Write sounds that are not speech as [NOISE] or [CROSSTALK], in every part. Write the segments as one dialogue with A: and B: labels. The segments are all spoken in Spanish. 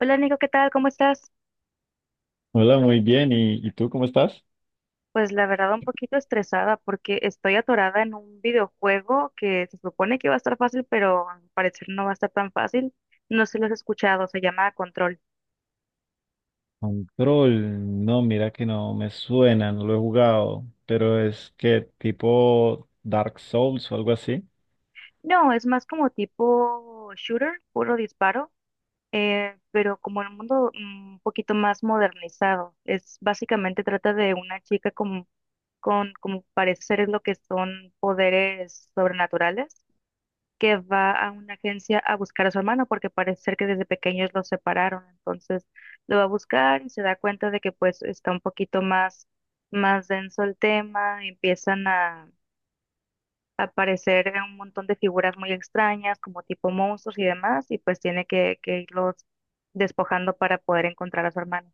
A: Hola Nico, ¿qué tal? ¿Cómo estás?
B: Hola, muy bien. ¿Y tú cómo estás?
A: Pues la verdad un poquito estresada porque estoy atorada en un videojuego que se supone que va a estar fácil, pero al parecer no va a estar tan fácil. No sé si lo has escuchado, se llama Control.
B: Control, no, mira que no me suena, no lo he jugado, pero es que tipo Dark Souls o algo así.
A: No, es más como tipo shooter, puro disparo, pero como en un mundo un poquito más modernizado. Es básicamente trata de una chica con, como parece ser es lo que son poderes sobrenaturales que va a una agencia a buscar a su hermano porque parece ser que desde pequeños los separaron. Entonces lo va a buscar y se da cuenta de que pues está un poquito más denso el tema, empiezan a aparecer un montón de figuras muy extrañas como tipo monstruos y demás y pues tiene que irlos despojando para poder encontrar a su hermano.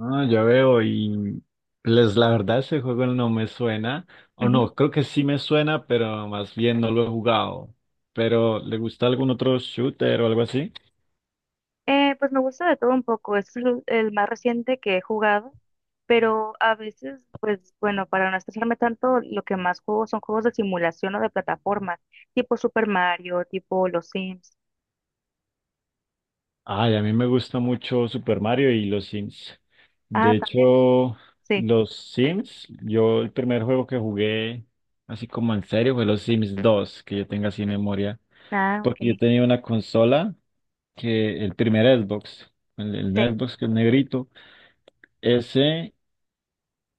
B: Ah, ya veo, y les la verdad ese juego no me suena, o no, creo que sí me suena, pero más bien no lo he jugado. Pero, ¿le gusta algún otro shooter o algo así?
A: Pues me gusta de todo un poco. Este es el más reciente que he jugado, pero a veces, pues bueno, para no estresarme tanto, lo que más juego son juegos de simulación o de plataformas, tipo Super Mario, tipo Los Sims.
B: Ay, a mí me gusta mucho Super Mario y los Sims.
A: Ah,
B: De
A: también,
B: hecho,
A: sí.
B: los Sims, yo el primer juego que jugué así como en serio fue los Sims 2, que yo tenga así memoria,
A: Ah,
B: porque yo
A: ok.
B: tenía una consola que el primer Xbox, el
A: Sí,
B: Xbox que es negrito, ese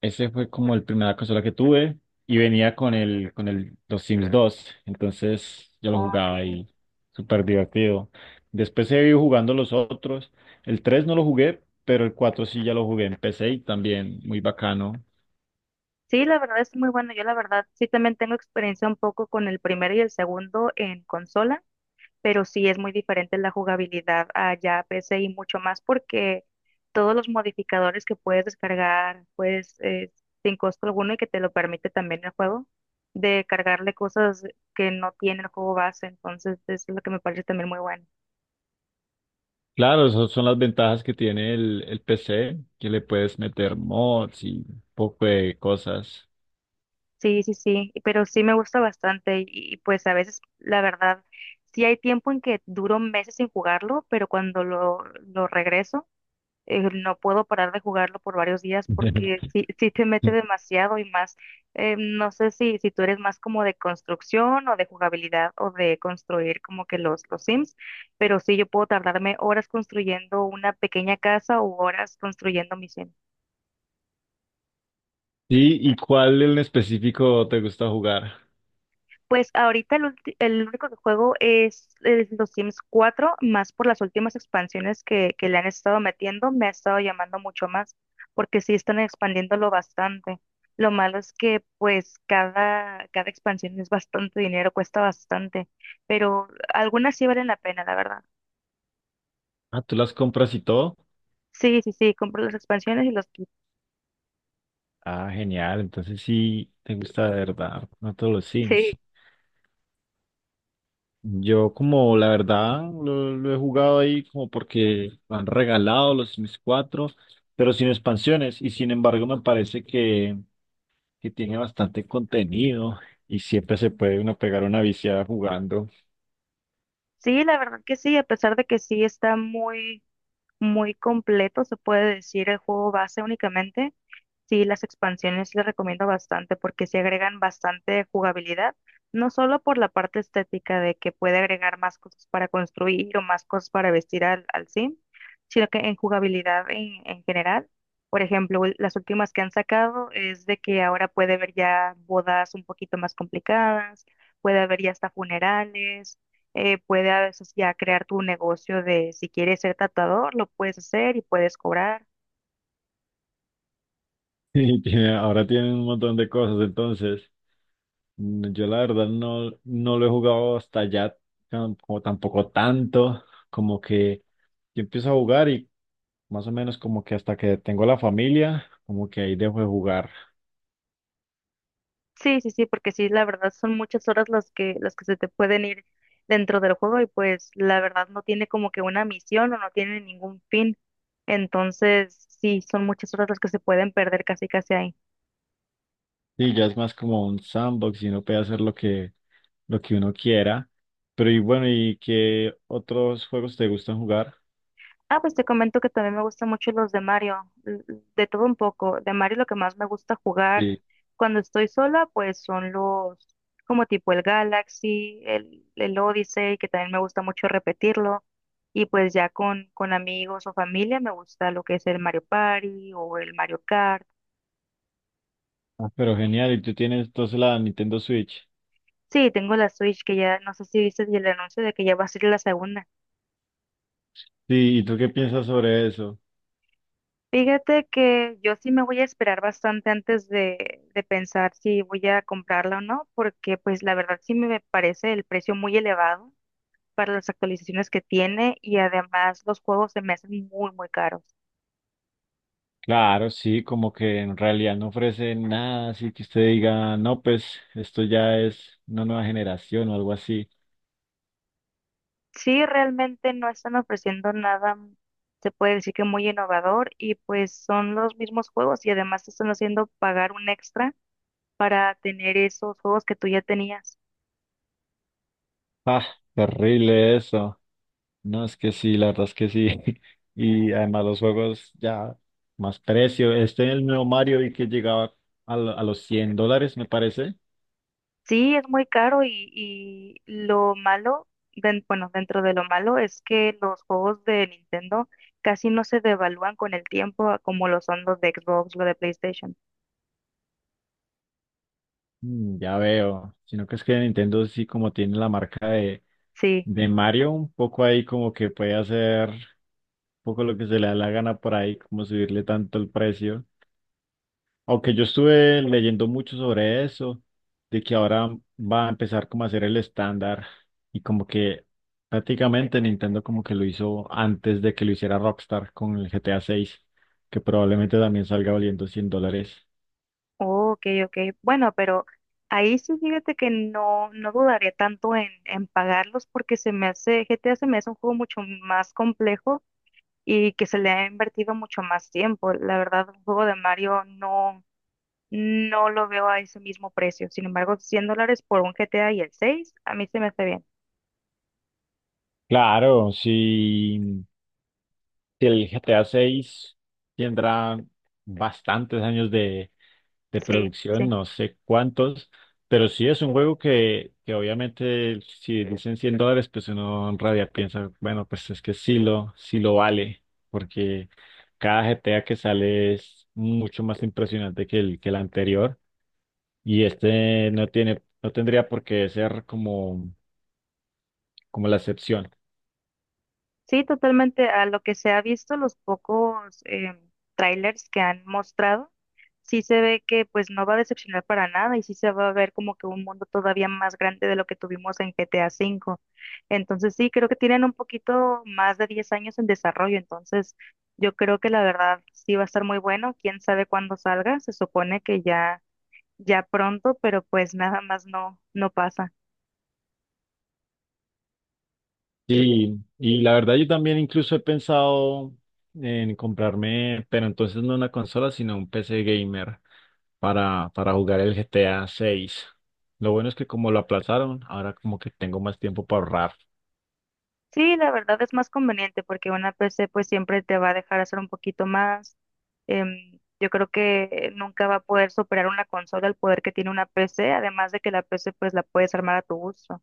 B: ese fue como el primera consola que tuve y venía con el los Sims 2, entonces yo lo jugaba
A: ok.
B: y súper divertido. Después he ido jugando los otros. El 3 no lo jugué, pero el 4 sí ya lo jugué en PC y también muy bacano.
A: Sí, la verdad es muy bueno. Yo la verdad sí también tengo experiencia un poco con el primero y el segundo en consola. Pero sí es muy diferente la jugabilidad allá a PC y mucho más porque todos los modificadores que puedes descargar, pues sin costo alguno y que te lo permite también el juego, de cargarle cosas que no tiene el juego base, entonces es lo que me parece también muy bueno.
B: Claro, esas son las ventajas que tiene el PC, que le puedes meter mods y un poco de cosas.
A: Sí, sí, sí, pero sí me gusta bastante y, pues a veces, la verdad, sí hay tiempo en que duro meses sin jugarlo, pero cuando lo regreso, no puedo parar de jugarlo por varios días porque
B: [LAUGHS]
A: sí, sí te mete demasiado y más, no sé si tú eres más como de construcción o de jugabilidad o de construir como que los Sims, pero sí yo puedo tardarme horas construyendo una pequeña casa o horas construyendo mis Sims.
B: Sí, ¿y cuál en específico te gusta jugar?
A: Pues ahorita el único que juego es, los Sims 4 más por las últimas expansiones que le han estado metiendo, me ha estado llamando mucho más, porque sí están expandiéndolo bastante. Lo malo es que pues cada expansión es bastante dinero, cuesta bastante, pero algunas sí valen la pena, la verdad.
B: Ah, ¿tú las compras y todo?
A: Sí, sí, sí, compro las expansiones y los kits.
B: Ah, genial. Entonces sí te gusta de verdad, no todos los Sims.
A: Sí,
B: Yo como la verdad lo he jugado ahí como porque me han regalado los Sims 4, pero sin expansiones. Y sin embargo me parece que tiene bastante contenido y siempre se puede uno pegar una viciada jugando.
A: sí, la verdad que sí, a pesar de que sí está muy, muy completo, se puede decir el juego base únicamente. Sí, las expansiones les recomiendo bastante porque se agregan bastante jugabilidad, no solo por la parte estética de que puede agregar más cosas para construir o más cosas para vestir al sim, sino que en jugabilidad en general. Por ejemplo, las últimas que han sacado es de que ahora puede haber ya bodas un poquito más complicadas, puede haber ya hasta funerales, puede a veces ya crear tu negocio de si quieres ser tatuador, lo puedes hacer y puedes cobrar.
B: [LAUGHS] Y ahora tienen un montón de cosas. Entonces yo la verdad no, no lo he jugado hasta ya como tampoco tanto, como que yo empiezo a jugar y más o menos como que hasta que tengo la familia, como que ahí dejo de jugar.
A: Sí, sí, sí, porque sí, la verdad son muchas horas las que se te pueden ir dentro del juego y pues la verdad no tiene como que una misión o no tiene ningún fin. Entonces, sí, son muchas horas las que se pueden perder casi casi ahí.
B: Sí, ya es más como un sandbox y uno puede hacer lo que uno quiera. Pero y bueno, ¿y qué otros juegos te gustan jugar?
A: Ah, pues te comento que también me gustan mucho los de Mario, de todo un poco. De Mario lo que más me gusta jugar
B: Sí.
A: cuando estoy sola, pues son los como tipo el Galaxy, el Odyssey, que también me gusta mucho repetirlo. Y pues ya con amigos o familia me gusta lo que es el Mario Party o el Mario Kart.
B: Ah, pero genial, y tú tienes entonces la Nintendo Switch.
A: Sí, tengo la Switch que ya, no sé si viste el anuncio de que ya va a ser la segunda.
B: Sí, ¿y tú qué piensas sobre eso?
A: Fíjate que yo sí me voy a esperar bastante antes de pensar si voy a comprarla o no, porque pues la verdad sí me parece el precio muy elevado para las actualizaciones que tiene y además los juegos se me hacen muy, muy caros.
B: Claro, sí, como que en realidad no ofrece nada, así que usted diga, no, pues esto ya es una nueva generación o algo así.
A: Sí, realmente no están ofreciendo nada, se puede decir que muy innovador y pues son los mismos juegos y además te están haciendo pagar un extra para tener esos juegos que tú ya tenías.
B: Ah, terrible eso. No, es que sí, la verdad es que sí. [LAUGHS] Y además los juegos ya más precio. Este el nuevo Mario vi que llegaba a, a los $100, me parece.
A: Sí, es muy caro y lo malo, bueno, dentro de lo malo es que los juegos de Nintendo casi no se devalúan con el tiempo a como lo son los de Xbox, los de PlayStation.
B: Mm, ya veo. Sino que es que Nintendo sí como tiene la marca
A: Sí,
B: de Mario, un poco ahí como que puede hacer un poco lo que se le da la gana por ahí, como subirle tanto el precio. Aunque yo estuve leyendo mucho sobre eso, de que ahora va a empezar como a ser el estándar y como que prácticamente Nintendo como que lo hizo antes de que lo hiciera Rockstar con el GTA 6, que probablemente también salga valiendo $100.
A: oh, ok, ok. Bueno, pero ahí sí fíjate que no, no dudaría tanto en pagarlos porque se me hace, GTA se me hace un juego mucho más complejo y que se le ha invertido mucho más tiempo. La verdad, un juego de Mario no. No lo veo a ese mismo precio. Sin embargo, $100 por un GTA y el 6, a mí se me hace bien.
B: Claro, si, si el GTA 6 tendrá bastantes años de
A: Sí,
B: producción,
A: sí.
B: no sé cuántos, pero sí es un juego que obviamente si dicen $100, pues uno en rabia piensa, bueno, pues es que sí lo vale, porque cada GTA que sale es mucho más impresionante que el anterior y este no tiene, no tendría por qué ser como, como la excepción.
A: Sí, totalmente. A lo que se ha visto, los pocos trailers que han mostrado, sí se ve que pues no va a decepcionar para nada y sí se va a ver como que un mundo todavía más grande de lo que tuvimos en GTA V. Entonces sí, creo que tienen un poquito más de 10 años en desarrollo. Entonces yo creo que la verdad sí va a estar muy bueno. Quién sabe cuándo salga. Se supone que ya pronto, pero pues nada más no, no pasa.
B: Y la verdad yo también incluso he pensado en comprarme, pero entonces no una consola, sino un PC gamer para jugar el GTA 6. Lo bueno es que como lo aplazaron, ahora como que tengo más tiempo para ahorrar.
A: Sí, la verdad es más conveniente porque una PC pues siempre te va a dejar hacer un poquito más. Em, yo creo que nunca va a poder superar una consola el poder que tiene una PC, además de que la PC pues la puedes armar a tu gusto.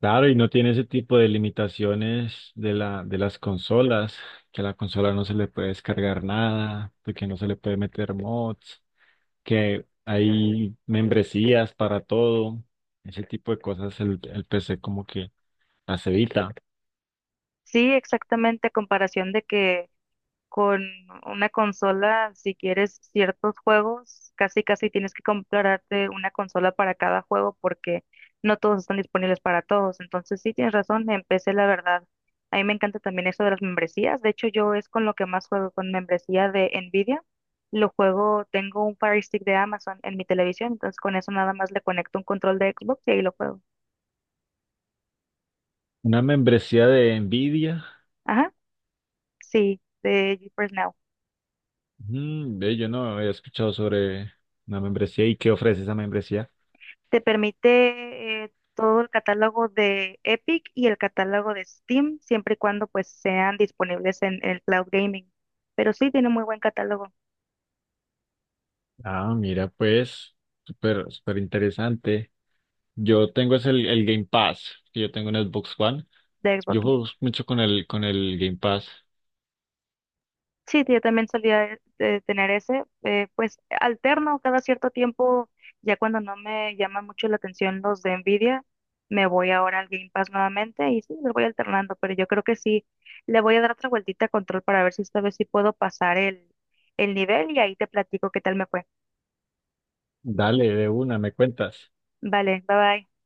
B: Claro, y no tiene ese tipo de limitaciones de la, de las consolas, que a la consola no se le puede descargar nada, de que no se le puede meter mods, que hay membresías para todo, ese tipo de cosas el PC como que las evita.
A: Sí, exactamente, a comparación de que con una consola, si quieres ciertos juegos, casi casi tienes que comprarte una consola para cada juego porque no todos están disponibles para todos. Entonces sí tienes razón, empecé la verdad. A mí me encanta también eso de las membresías. De hecho, yo es con lo que más juego, con membresía de Nvidia. Lo juego, tengo un Fire Stick de Amazon en mi televisión, entonces con eso nada más le conecto un control de Xbox y ahí lo juego.
B: Una membresía de Nvidia.
A: Ajá, sí, de GeForce Now.
B: Mm, ve, yo no había escuchado sobre una membresía y qué ofrece esa membresía.
A: Te permite todo el catálogo de Epic y el catálogo de Steam, siempre y cuando pues sean disponibles en el cloud gaming. Pero sí tiene muy buen catálogo
B: Ah, mira, pues, súper, súper interesante. Yo tengo es el Game Pass, que yo tengo en Xbox One.
A: de Xbox.
B: Yo juego mucho con con el Game Pass.
A: Sí, yo también solía tener ese, pues alterno cada cierto tiempo, ya cuando no me llama mucho la atención los de Nvidia, me voy ahora al Game Pass nuevamente y sí, lo voy alternando, pero yo creo que sí, le voy a dar otra vueltita a control para ver si esta vez sí puedo pasar el nivel y ahí te platico qué tal me fue.
B: Dale, de una, me cuentas.
A: Vale, bye bye.